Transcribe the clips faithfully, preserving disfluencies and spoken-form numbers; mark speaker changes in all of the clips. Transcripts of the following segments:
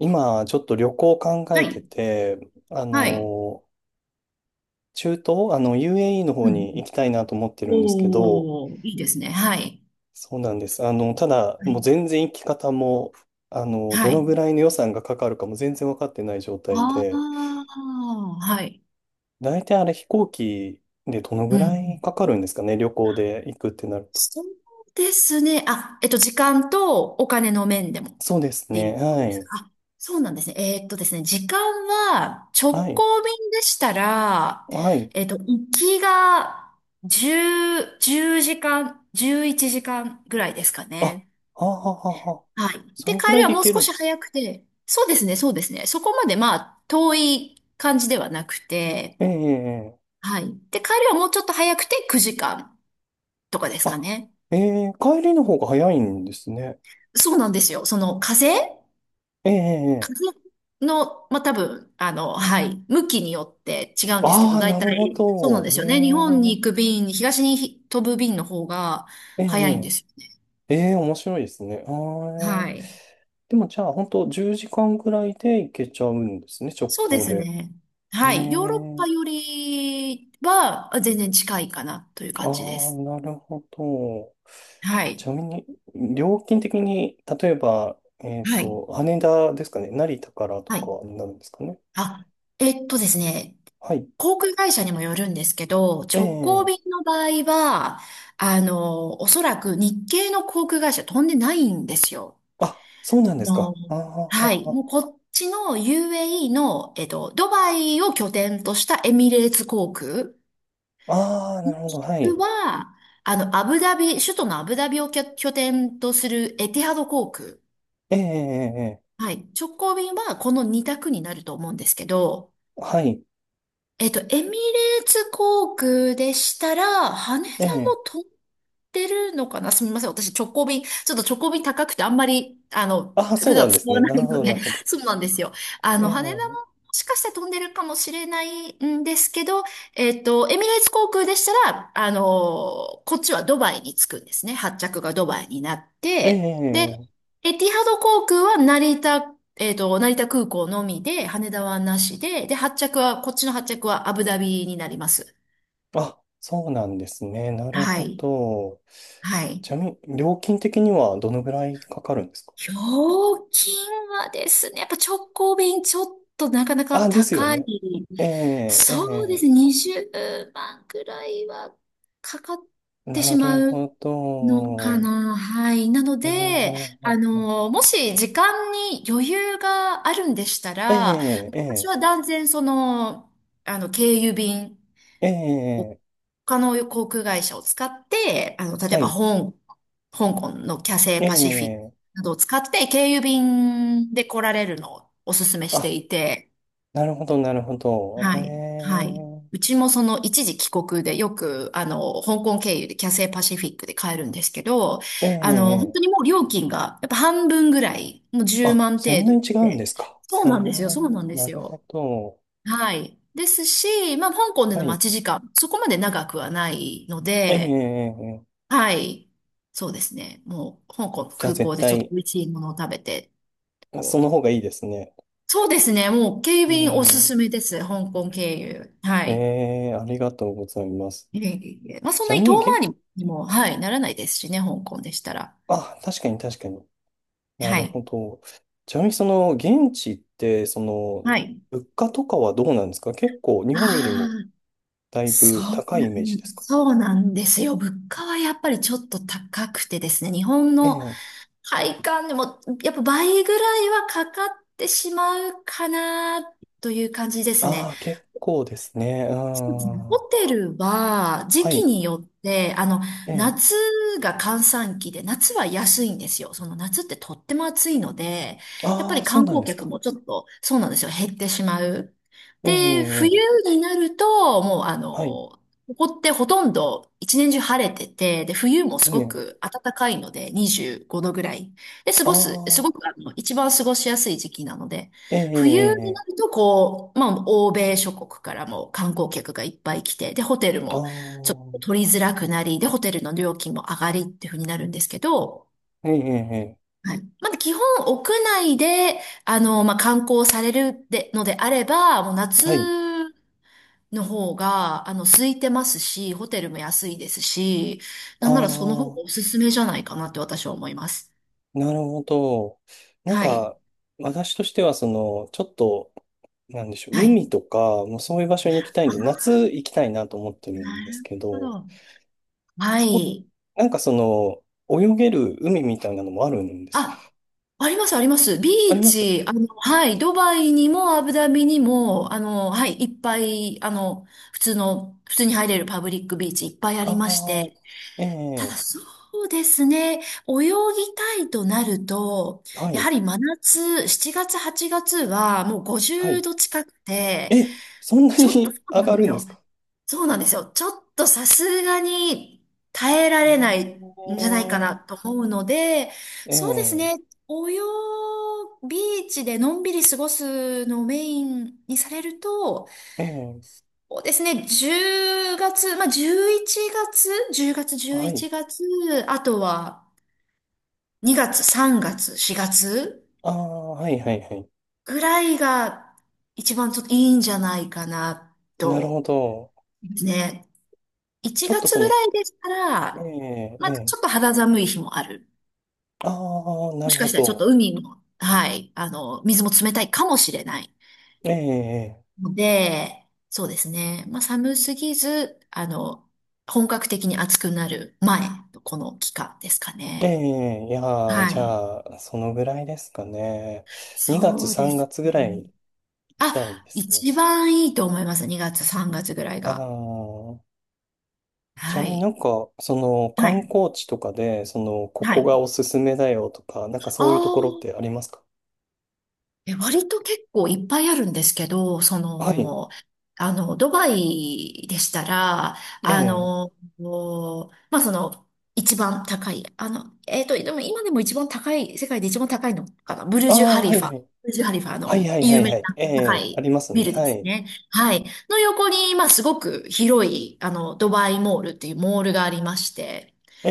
Speaker 1: 今、ちょっと旅行考
Speaker 2: は
Speaker 1: えて
Speaker 2: い。
Speaker 1: て、あ
Speaker 2: はい。
Speaker 1: の、中東、あの、エーユーイー の
Speaker 2: う
Speaker 1: 方に行
Speaker 2: ん。
Speaker 1: きたいなと思ってるんですけど、
Speaker 2: おー、いいですね。はい。
Speaker 1: そうなんです。あの、ただ、
Speaker 2: は
Speaker 1: もう
Speaker 2: い。
Speaker 1: 全然行き方も、あの、ど
Speaker 2: は
Speaker 1: の
Speaker 2: い。
Speaker 1: ぐらいの予算がかかるかも全然分かってない状態
Speaker 2: あ
Speaker 1: で、
Speaker 2: あ、はい。
Speaker 1: 大体あれ飛行機でどの
Speaker 2: う
Speaker 1: ぐらい
Speaker 2: ん。
Speaker 1: かかるんですかね、旅行で行くってなると。
Speaker 2: そうですね。あ、えっと、時間とお金の面でもっ
Speaker 1: そうです
Speaker 2: てい
Speaker 1: ね。
Speaker 2: うこと
Speaker 1: は
Speaker 2: です
Speaker 1: い。
Speaker 2: か。あ、そうなんですね。えーっとですね、時間は
Speaker 1: は
Speaker 2: 直
Speaker 1: い。
Speaker 2: 行便でしたら、
Speaker 1: はい。
Speaker 2: えっと、行きがじゅう、じゅうじかん、じゅういちじかんぐらいですか
Speaker 1: あ、は
Speaker 2: ね。
Speaker 1: あはあはあはあ。
Speaker 2: はい。
Speaker 1: そ
Speaker 2: で、帰
Speaker 1: れぐら
Speaker 2: り
Speaker 1: い
Speaker 2: は
Speaker 1: で
Speaker 2: も
Speaker 1: 行
Speaker 2: う
Speaker 1: け
Speaker 2: 少
Speaker 1: るん
Speaker 2: し
Speaker 1: ですね。
Speaker 2: 早くて、そうですね、そうですね。そこまでまあ、遠い感じではなくて、
Speaker 1: ええええ、
Speaker 2: はい。で、帰りはもうちょっと早くてくじかんとかですか
Speaker 1: あ、
Speaker 2: ね。
Speaker 1: ええ帰りの方が早いんですね。
Speaker 2: そうなんですよ。その風
Speaker 1: ええ
Speaker 2: 風
Speaker 1: ええ、
Speaker 2: の、まあ多分、あの、はい、向きによって違うんですけど、
Speaker 1: ああー、
Speaker 2: 大
Speaker 1: なるほ
Speaker 2: 体、そうなんで
Speaker 1: ど。え
Speaker 2: すよね。日本に
Speaker 1: え
Speaker 2: 行く便、東に飛ぶ便の方が
Speaker 1: え
Speaker 2: 早いんで
Speaker 1: え
Speaker 2: すよね。
Speaker 1: ええ、面白いですね。あー
Speaker 2: は
Speaker 1: ええ、
Speaker 2: い。
Speaker 1: でもじゃあ、本当じゅうじかんぐらいで行けちゃうんですね、直
Speaker 2: そうで
Speaker 1: 行
Speaker 2: す
Speaker 1: で。
Speaker 2: ね。
Speaker 1: え
Speaker 2: はい。ヨーロッパ
Speaker 1: え、
Speaker 2: よりは全然近いかなという
Speaker 1: あ
Speaker 2: 感
Speaker 1: あ
Speaker 2: じです。
Speaker 1: ー、なるほど。
Speaker 2: は
Speaker 1: ち
Speaker 2: い。
Speaker 1: なみに、料金的に、例えば、えっ
Speaker 2: はい。
Speaker 1: と、羽田ですかね、成田からと
Speaker 2: はい。
Speaker 1: かになるんですかね。
Speaker 2: あ、えっとですね。
Speaker 1: はい。
Speaker 2: 航空会社にもよるんですけど、直行
Speaker 1: え
Speaker 2: 便
Speaker 1: え、
Speaker 2: の場合は、あの、おそらく日系の航空会社飛んでないんですよ。
Speaker 1: あ、そうなん
Speaker 2: あ
Speaker 1: です
Speaker 2: の
Speaker 1: か。ああ
Speaker 2: はい。
Speaker 1: あ
Speaker 2: もうこっちの ユーエーイー の、えっと、ドバイを拠点としたエミレーツ航空。
Speaker 1: あ、あーあー、な
Speaker 2: も
Speaker 1: るほど。
Speaker 2: し
Speaker 1: は
Speaker 2: く
Speaker 1: い。
Speaker 2: は、あの、アブダビ、首都のアブダビを拠拠点とするエティハド航空。
Speaker 1: ええ、ええ、ええ、
Speaker 2: はい。直行便はこのにたく択になると思うんですけど、
Speaker 1: はい。
Speaker 2: えっと、エミレーツ航空でしたら、羽田
Speaker 1: ええ。
Speaker 2: もってるのかなすみません。私、直行便、ちょっと直行便高くてあんまり、あの、
Speaker 1: あ、そ
Speaker 2: 普
Speaker 1: うな
Speaker 2: 段
Speaker 1: んで
Speaker 2: 使
Speaker 1: す
Speaker 2: わ
Speaker 1: ね。
Speaker 2: な
Speaker 1: なる
Speaker 2: い
Speaker 1: ほ
Speaker 2: の
Speaker 1: ど、な
Speaker 2: で、
Speaker 1: るほ ど。
Speaker 2: そうなんですよ。あ
Speaker 1: え
Speaker 2: の、羽田も
Speaker 1: え、
Speaker 2: もしかしたら飛んでるかもしれないんですけど、えっと、エミレーツ航空でしたら、あの、こっちはドバイに着くんですね。発着がドバイになっ
Speaker 1: え
Speaker 2: て、で、
Speaker 1: え。
Speaker 2: エティハド航空は成田、えっと、成田空港のみで、羽田はなしで、で、発着は、こっちの発着はアブダビになります。
Speaker 1: あ、そうなんですね。なる
Speaker 2: は
Speaker 1: ほ
Speaker 2: い。
Speaker 1: ど。
Speaker 2: はい。
Speaker 1: ちなみに、料金的にはどのぐらいかかるんですか？
Speaker 2: ひょうきんはですね、やっぱ直行便ちょっとなかなか
Speaker 1: あ、ですよ
Speaker 2: 高い。
Speaker 1: ね。ええ、
Speaker 2: そうです
Speaker 1: え
Speaker 2: ね、にじゅうまんくらいはかかっ
Speaker 1: え。
Speaker 2: てし
Speaker 1: な
Speaker 2: ま
Speaker 1: る
Speaker 2: う
Speaker 1: ほ
Speaker 2: のか
Speaker 1: ど。
Speaker 2: な。はい。なの
Speaker 1: あ
Speaker 2: で、あ
Speaker 1: ー
Speaker 2: の、もし時間に余裕があるんでしたら、
Speaker 1: え
Speaker 2: 私
Speaker 1: え、
Speaker 2: は断然その、あの、経由便。
Speaker 1: ええ、
Speaker 2: を
Speaker 1: ええ。
Speaker 2: 他の航空会社を使って、あの、例え
Speaker 1: は
Speaker 2: ば、
Speaker 1: い。
Speaker 2: 香香港のキャセイ
Speaker 1: え
Speaker 2: パシフィック
Speaker 1: え。
Speaker 2: などを使って、経由便で来られるのをお勧めし
Speaker 1: あ、
Speaker 2: ていて、
Speaker 1: なるほど、なるほど。へ
Speaker 2: はい、はい。
Speaker 1: え。
Speaker 2: うちもその一時帰国でよく、あの、香港経由でキャセイパシフィックで買えるんですけど、
Speaker 1: え
Speaker 2: あの、本
Speaker 1: え、
Speaker 2: 当に
Speaker 1: ええ、
Speaker 2: もう料金がやっぱ半分ぐらい、もう10
Speaker 1: あ、
Speaker 2: 万程
Speaker 1: そん
Speaker 2: 度
Speaker 1: なに違うん
Speaker 2: で。
Speaker 1: ですか？
Speaker 2: そう
Speaker 1: うー
Speaker 2: なんですよ、そう
Speaker 1: ん、
Speaker 2: なんで
Speaker 1: な
Speaker 2: す
Speaker 1: る
Speaker 2: よ。
Speaker 1: ほど。
Speaker 2: はい。ですし、まあ、香港で
Speaker 1: は
Speaker 2: の
Speaker 1: い。
Speaker 2: 待ち時間、そこまで長くはないので、
Speaker 1: ええ、
Speaker 2: はい。そうですね。もう、香港の
Speaker 1: じゃあ
Speaker 2: 空
Speaker 1: 絶
Speaker 2: 港でちょっと
Speaker 1: 対、
Speaker 2: 美味しいものを食べて、
Speaker 1: そ
Speaker 2: こ
Speaker 1: の
Speaker 2: う。
Speaker 1: 方がいいですね。
Speaker 2: そうですね。もう、警
Speaker 1: う
Speaker 2: 備員おすす
Speaker 1: ん。
Speaker 2: めです。香港経由。は
Speaker 1: え
Speaker 2: い。
Speaker 1: え、ありがとうございます。
Speaker 2: いえいえいえまあ、そ
Speaker 1: ち
Speaker 2: ん
Speaker 1: な
Speaker 2: なに
Speaker 1: み
Speaker 2: 遠
Speaker 1: に、げ、
Speaker 2: 回りにも、はい、ならないですしね、香港でしたら。
Speaker 1: あ、確かに確かに。な
Speaker 2: は
Speaker 1: る
Speaker 2: い。
Speaker 1: ほど。ちなみに、その、現地って、そ
Speaker 2: は
Speaker 1: の、
Speaker 2: い。
Speaker 1: 物価とかはどうなんですか？結構、日本よりも
Speaker 2: ああ、
Speaker 1: だい
Speaker 2: そ
Speaker 1: ぶ
Speaker 2: う
Speaker 1: 高い
Speaker 2: な
Speaker 1: イメージで
Speaker 2: ん、
Speaker 1: すか？
Speaker 2: そうなんですよ。物価はやっぱりちょっと高くてですね、日本
Speaker 1: え
Speaker 2: の
Speaker 1: え、
Speaker 2: 配管でも、やっぱ倍ぐらいはかかってしまうかな、という感じですね。
Speaker 1: ああ結構ですね。うん。
Speaker 2: ホ
Speaker 1: は
Speaker 2: テルは時期
Speaker 1: い。
Speaker 2: によって、あの、
Speaker 1: え
Speaker 2: 夏
Speaker 1: え、
Speaker 2: が閑散期で、夏は安いんですよ。その夏ってとっても暑いので、やっぱ
Speaker 1: あ
Speaker 2: り
Speaker 1: あ、そう
Speaker 2: 観
Speaker 1: なん
Speaker 2: 光
Speaker 1: です
Speaker 2: 客
Speaker 1: か。
Speaker 2: もちょっと、そうなんですよ、減ってしまう。で、冬
Speaker 1: ええ、
Speaker 2: になると、もうあの、
Speaker 1: はい。
Speaker 2: ここってほとんど一年中晴れてて、で、冬もす
Speaker 1: ある
Speaker 2: ご
Speaker 1: やん。
Speaker 2: く暖かいので、にじゅうごどぐらい。で、過
Speaker 1: あ
Speaker 2: ごす、すご
Speaker 1: あ、
Speaker 2: くあの、一番過ごしやすい時期なので、
Speaker 1: えええ
Speaker 2: 冬
Speaker 1: え
Speaker 2: になる
Speaker 1: ええ、
Speaker 2: と、こう、まあ、欧米諸国からも観光客がいっぱい来て、で、ホテル
Speaker 1: ああ、
Speaker 2: もちょっと取りづらくなり、で、ホテルの料金も上がりっていう風になるんですけど、
Speaker 1: ええええ
Speaker 2: はい。まだ基本屋内で、あの、まあ、観光されるでのであれば、もう
Speaker 1: ええ、
Speaker 2: 夏
Speaker 1: はい。
Speaker 2: の方が、あの、空いてますし、ホテルも安いですし、な
Speaker 1: あ
Speaker 2: んならその方
Speaker 1: あ、
Speaker 2: がおすすめじゃないかなって私は思います。
Speaker 1: なるほど。なん
Speaker 2: はい。
Speaker 1: か、私としては、その、ちょっと、なんでしょう、
Speaker 2: はい。
Speaker 1: 海とか、もうそういう場所に行きたいんで、
Speaker 2: あ
Speaker 1: 夏行きたいなと思ってるんですけ
Speaker 2: なるほ
Speaker 1: ど、
Speaker 2: ど。は
Speaker 1: そう、
Speaker 2: い。
Speaker 1: なんかその、泳げる海みたいなのもあるんですか？
Speaker 2: あ、あります、あります。ビ
Speaker 1: あり
Speaker 2: ー
Speaker 1: ます？
Speaker 2: チ、あの、はい、ドバイにもアブダビにも、あの、はい、いっぱい、あの、普通の、普通に入れるパブリックビーチいっぱいありまして、
Speaker 1: ああ、
Speaker 2: ただ
Speaker 1: ええ、
Speaker 2: そうですね、泳ぎたいとなると、
Speaker 1: は
Speaker 2: やは
Speaker 1: い、
Speaker 2: り真夏、しちがつ、はちがつはもう
Speaker 1: は
Speaker 2: 50
Speaker 1: い。
Speaker 2: 度近くて、
Speaker 1: え、そんな
Speaker 2: ちょっとそ
Speaker 1: に
Speaker 2: う
Speaker 1: 上
Speaker 2: なん
Speaker 1: が
Speaker 2: で
Speaker 1: る
Speaker 2: す
Speaker 1: んです
Speaker 2: よ。
Speaker 1: か？
Speaker 2: そうなんですよ。ちょっとさすがに耐えられないんじゃないか
Speaker 1: え
Speaker 2: な
Speaker 1: え
Speaker 2: と思うので、
Speaker 1: え
Speaker 2: そうです
Speaker 1: え、
Speaker 2: ね。泳ぐビーチでのんびり過ごすのをメインにされると、
Speaker 1: ええ、
Speaker 2: そうですね。じゅうがつ、まあ、じゅういちがつ、じゅうがつ、
Speaker 1: は
Speaker 2: 11
Speaker 1: い。
Speaker 2: 月、あとはにがつ、さんがつ、しがつ
Speaker 1: ああ、はいはいはい。
Speaker 2: ぐらいが一番ちょっといいんじゃないかな
Speaker 1: なるほ
Speaker 2: と、
Speaker 1: ど。
Speaker 2: ね。1
Speaker 1: ちょっと
Speaker 2: 月
Speaker 1: そ
Speaker 2: ぐ
Speaker 1: の、
Speaker 2: らいでしたら、
Speaker 1: ええ、
Speaker 2: ま
Speaker 1: え
Speaker 2: あ、ち
Speaker 1: え、
Speaker 2: ょっと肌寒い日もある。
Speaker 1: ああ、
Speaker 2: も
Speaker 1: なる
Speaker 2: しか
Speaker 1: ほ
Speaker 2: したらちょっと
Speaker 1: ど。
Speaker 2: 海も、はい、あの、水も冷たいかもしれない。
Speaker 1: ええ、
Speaker 2: ので、そうですね。まあ、寒すぎず、あの、本格的に暑くなる前のこの期間ですか
Speaker 1: ええ、
Speaker 2: ね。
Speaker 1: ええ、いやー、
Speaker 2: は
Speaker 1: じ
Speaker 2: い。
Speaker 1: ゃあ、そのぐらいですかね。にがつ、
Speaker 2: そうで
Speaker 1: 3
Speaker 2: す
Speaker 1: 月ぐ
Speaker 2: ね。
Speaker 1: らい行きたいで
Speaker 2: あ、
Speaker 1: すね。
Speaker 2: 一番いいと思います。にがつ、さんがつぐらい
Speaker 1: あ
Speaker 2: が。
Speaker 1: あ、ちな
Speaker 2: は
Speaker 1: みにな
Speaker 2: い。
Speaker 1: んか、その
Speaker 2: は
Speaker 1: 観
Speaker 2: い。
Speaker 1: 光地とかで、その、こ
Speaker 2: は
Speaker 1: こ
Speaker 2: い。
Speaker 1: がおすすめだよとか、なんか
Speaker 2: あ
Speaker 1: そういうところって
Speaker 2: あ。
Speaker 1: ありますか？
Speaker 2: え、割と結構いっぱいあるんですけど、そ
Speaker 1: はい。
Speaker 2: の、あの、ドバイでしたら、
Speaker 1: え
Speaker 2: あ
Speaker 1: え、
Speaker 2: の、こうまあ、その、一番高い、あの、えっと、でも今でも一番高い、世界で一番高いのかな、ブル
Speaker 1: あ
Speaker 2: ジュ・
Speaker 1: あ、
Speaker 2: ハリ
Speaker 1: はい
Speaker 2: フ
Speaker 1: は
Speaker 2: ァ。
Speaker 1: い。
Speaker 2: ブルジュ・ハリファあ
Speaker 1: はい
Speaker 2: の
Speaker 1: はいは
Speaker 2: 有
Speaker 1: い
Speaker 2: 名
Speaker 1: は
Speaker 2: な
Speaker 1: い。え
Speaker 2: 高
Speaker 1: え、あ
Speaker 2: い
Speaker 1: ります
Speaker 2: ビ
Speaker 1: ね。
Speaker 2: ルで
Speaker 1: は
Speaker 2: す
Speaker 1: い。
Speaker 2: ね。はい。の横に、まあ、すごく広い、あの、ドバイモールっていうモールがありまして、
Speaker 1: え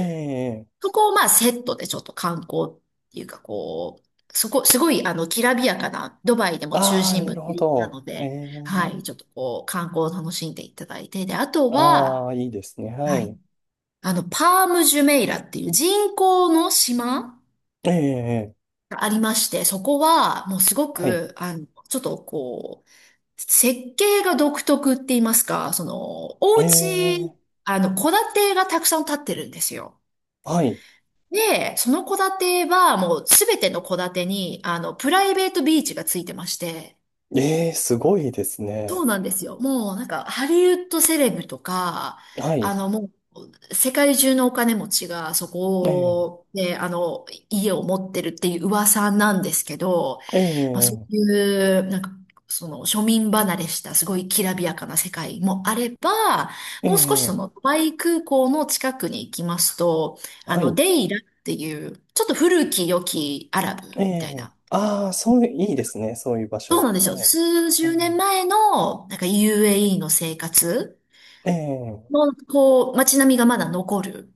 Speaker 1: え、
Speaker 2: そこをまあセットでちょっと観光っていうかこう、そこ、すごいあの、きらびやかな、ドバイでも中
Speaker 1: ああ、
Speaker 2: 心
Speaker 1: な
Speaker 2: 部っ
Speaker 1: る
Speaker 2: て
Speaker 1: ほ
Speaker 2: 立地な
Speaker 1: ど。
Speaker 2: の
Speaker 1: え
Speaker 2: で、
Speaker 1: え、
Speaker 2: はい、ちょっとこう、観光を楽しんでいただいて、で、あと
Speaker 1: ああ、
Speaker 2: は、
Speaker 1: いいですね。は
Speaker 2: はい、
Speaker 1: い。
Speaker 2: あの、パームジュメイラっていう人工の島
Speaker 1: ええ、
Speaker 2: がありまして、そこはもうすご
Speaker 1: はい。
Speaker 2: く、あの、ちょっとこう、設計が独特って言いますか、その、お
Speaker 1: え
Speaker 2: 家、
Speaker 1: え、
Speaker 2: あの、戸建てがたくさん建ってるんですよ。
Speaker 1: はい。
Speaker 2: で、その戸建てはもうすべての戸建てに、あの、プライベートビーチがついてまして、
Speaker 1: ええ、すごいです
Speaker 2: そう
Speaker 1: ね。
Speaker 2: なんですよ。もうなんか、ハリウッドセレブとか、
Speaker 1: は
Speaker 2: あ
Speaker 1: い。
Speaker 2: の、もう、世界中のお金持ちがそ
Speaker 1: ええ、
Speaker 2: こで、あの、家を持ってるっていう噂なんですけど、
Speaker 1: え
Speaker 2: まあ、そう
Speaker 1: え、
Speaker 2: いう、なんか、その庶民離れしたすごいきらびやかな世界もあれば、
Speaker 1: え
Speaker 2: もう少しそ
Speaker 1: え、
Speaker 2: のドイ空港の近くに行きますと、あ
Speaker 1: は
Speaker 2: の、
Speaker 1: い。
Speaker 2: デイラっていう、ちょっと古き良きアラブみ
Speaker 1: え
Speaker 2: たいな。
Speaker 1: え、ああ、そういう、いいですね。そういう場
Speaker 2: そうな
Speaker 1: 所。
Speaker 2: んですよ。
Speaker 1: はい。
Speaker 2: 数
Speaker 1: う
Speaker 2: 十年
Speaker 1: ん、
Speaker 2: 前の、なんか ユーエーイー の生活
Speaker 1: ええ、
Speaker 2: の、こう、街並みがまだ残る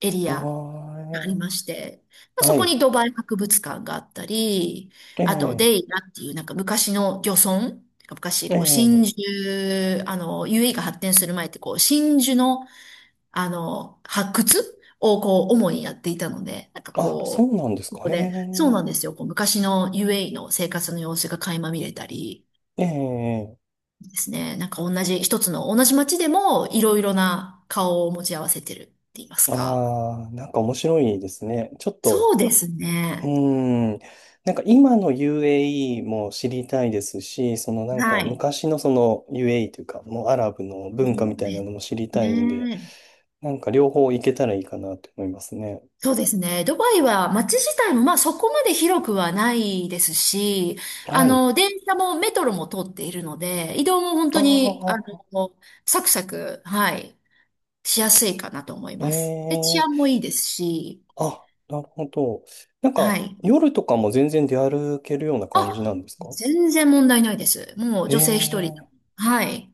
Speaker 2: エリ
Speaker 1: あ
Speaker 2: アが
Speaker 1: あ、
Speaker 2: ありまして、まあ、
Speaker 1: は
Speaker 2: そこ
Speaker 1: い。
Speaker 2: にドバイ博物館があったり、
Speaker 1: え
Speaker 2: あと
Speaker 1: え、
Speaker 2: デイラっていうなんか昔の漁村、昔
Speaker 1: え
Speaker 2: こう真
Speaker 1: え、
Speaker 2: 珠、あの、ユーエーイー が発展する前ってこう真珠のあの発掘をこう主にやっていたので、なんか
Speaker 1: あ、そ
Speaker 2: こ
Speaker 1: うなんです
Speaker 2: う、こ
Speaker 1: か。
Speaker 2: こ
Speaker 1: え
Speaker 2: で、そう
Speaker 1: え、
Speaker 2: なんですよ、こう昔の ユーエーイー の生活の様子が垣間見れたり
Speaker 1: ええ、
Speaker 2: ですね、なんか同じ一つの同じ街でもいろいろな顔を持ち合わせてるって言いますか。
Speaker 1: ああ、なんか面白いですね。ちょっ
Speaker 2: そ
Speaker 1: と、
Speaker 2: うです
Speaker 1: うー
Speaker 2: ね。
Speaker 1: ん。なんか今の エーユーイー も知りたいですし、そのなん
Speaker 2: は
Speaker 1: か
Speaker 2: い。
Speaker 1: 昔のその エーユーイー というか、もうアラブの文化
Speaker 2: そ
Speaker 1: み
Speaker 2: う
Speaker 1: た
Speaker 2: で
Speaker 1: いな
Speaker 2: す
Speaker 1: のも知りたいんで、
Speaker 2: ね。
Speaker 1: なんか両方行けたらいいかなと思いますね。
Speaker 2: そうですね。ドバイは街自体もまあそこまで広くはないですし、あ
Speaker 1: はい。
Speaker 2: の、電車もメトロも通っているので、移動も本当
Speaker 1: あ
Speaker 2: に、あ
Speaker 1: あ、
Speaker 2: の、サクサク、はい、しやすいかなと思います。で、治
Speaker 1: え
Speaker 2: 安も
Speaker 1: え、
Speaker 2: いいですし、
Speaker 1: あ、なるほど。なん
Speaker 2: は
Speaker 1: か
Speaker 2: い。
Speaker 1: 夜とかも全然出歩けるような感じな
Speaker 2: あ、
Speaker 1: んですか？
Speaker 2: 全然問題ないです。もう女性一人。
Speaker 1: ええ、
Speaker 2: はい。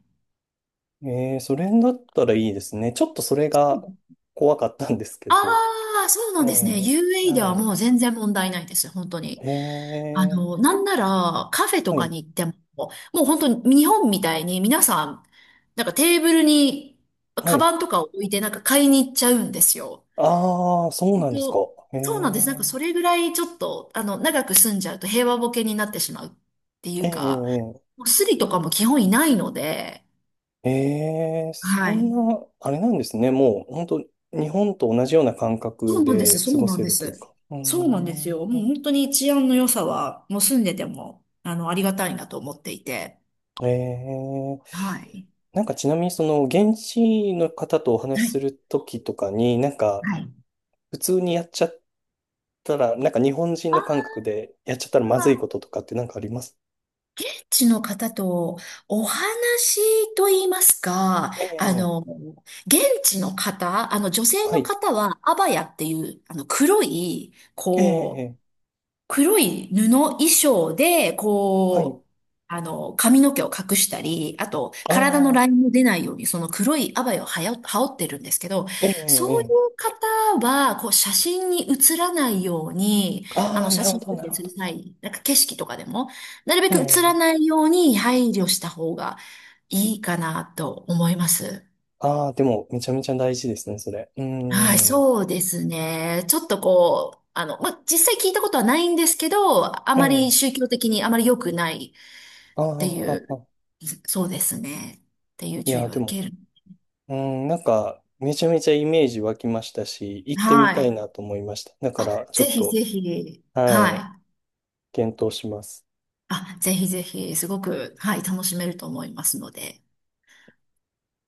Speaker 1: ええ、それだったらいいですね。ちょっとそれが怖かったんですけ
Speaker 2: あ
Speaker 1: ど。
Speaker 2: あ、そうな
Speaker 1: え
Speaker 2: んですね。
Speaker 1: え、
Speaker 2: ユーエーイー で
Speaker 1: は
Speaker 2: は
Speaker 1: い。
Speaker 2: もう全然問題ないです。本当に。あ
Speaker 1: ええ、
Speaker 2: の、なんならカフェと
Speaker 1: は
Speaker 2: か
Speaker 1: い。
Speaker 2: に行っても、もう本当に日本みたいに皆さん、なんかテーブルに
Speaker 1: は
Speaker 2: カ
Speaker 1: い。
Speaker 2: バンとかを置いてなんか買いに行っちゃうんですよ。
Speaker 1: ああ、そう
Speaker 2: 本
Speaker 1: なんですか。
Speaker 2: 当
Speaker 1: へ
Speaker 2: そうなんです。なんか
Speaker 1: え。
Speaker 2: それぐらいちょっと、あの、長く住んじゃうと平和ボケになってしまうってい
Speaker 1: え
Speaker 2: うか、
Speaker 1: え、
Speaker 2: もうスリとかも基本いないので、
Speaker 1: ええ、ええ、
Speaker 2: は
Speaker 1: そん
Speaker 2: い。
Speaker 1: な、あれなんですね。もう、本当日本と同じような感
Speaker 2: そ
Speaker 1: 覚
Speaker 2: うなんです、
Speaker 1: で
Speaker 2: そ
Speaker 1: 過
Speaker 2: う
Speaker 1: ご
Speaker 2: なん
Speaker 1: せ
Speaker 2: で
Speaker 1: るという
Speaker 2: す。
Speaker 1: か。う
Speaker 2: そうなんですよ。
Speaker 1: ー
Speaker 2: もう
Speaker 1: ん。
Speaker 2: 本当に治安の良さは、もう住んでても、あの、ありがたいなと思っていて。
Speaker 1: ええ、
Speaker 2: はい。
Speaker 1: なんかちなみに、その、現地の方とお話
Speaker 2: は
Speaker 1: し
Speaker 2: い。
Speaker 1: するときとかに、なんか、
Speaker 2: はい。
Speaker 1: 普通にやっちゃったら、なんか日本人の感
Speaker 2: あ
Speaker 1: 覚でやっちゃったらまずい
Speaker 2: 現
Speaker 1: こととかってなんかあります？
Speaker 2: 地の方とお話と言いますか、
Speaker 1: え
Speaker 2: あ
Speaker 1: え、
Speaker 2: の、現地の方、あの女性
Speaker 1: は
Speaker 2: の
Speaker 1: い。
Speaker 2: 方はアバヤっていう、あの黒い、
Speaker 1: え
Speaker 2: こう、
Speaker 1: え、
Speaker 2: 黒い布衣装で、
Speaker 1: はい。
Speaker 2: こう、あの、髪の毛を隠したり、あと、
Speaker 1: あ
Speaker 2: 体のライ
Speaker 1: あ、
Speaker 2: ンも出ないように、その黒いアバイをはや、羽織ってるんですけど、
Speaker 1: ええ、
Speaker 2: そ
Speaker 1: え
Speaker 2: うい
Speaker 1: え。
Speaker 2: う方は、こう、写真に写らないように、あ
Speaker 1: あ
Speaker 2: の、
Speaker 1: あ、な
Speaker 2: 写
Speaker 1: るほ
Speaker 2: 真
Speaker 1: ど、
Speaker 2: 撮
Speaker 1: な
Speaker 2: 影
Speaker 1: るほ
Speaker 2: する
Speaker 1: ど。
Speaker 2: 際、なんか景色とかでも、なるべ
Speaker 1: え
Speaker 2: く写ら
Speaker 1: え。
Speaker 2: ないように配慮した方がいいかなと思います。
Speaker 1: ああ、でも、めちゃめちゃ大事ですね、それ。う
Speaker 2: はい、
Speaker 1: ーん。
Speaker 2: そうですね。ちょっとこう、あの、まあ、実際聞いたことはないんですけど、あ
Speaker 1: え
Speaker 2: まり
Speaker 1: え。
Speaker 2: 宗教的にあまり良くない
Speaker 1: ああ、
Speaker 2: ってい
Speaker 1: は
Speaker 2: う、
Speaker 1: は。
Speaker 2: そうですね。っていう
Speaker 1: い
Speaker 2: 注意
Speaker 1: や、
Speaker 2: は
Speaker 1: でも、
Speaker 2: 受ける。
Speaker 1: うーん、なんか、めちゃめちゃイメージ湧きましたし、行ってみ
Speaker 2: は
Speaker 1: たい
Speaker 2: い。
Speaker 1: なと思いました。だか
Speaker 2: あ、
Speaker 1: ら、ちょ
Speaker 2: ぜ
Speaker 1: っ
Speaker 2: ひ
Speaker 1: と、
Speaker 2: ぜひ。
Speaker 1: はい、
Speaker 2: はい。
Speaker 1: 検討します。
Speaker 2: あ、ぜひぜひ、すごく、はい、楽しめると思いますので。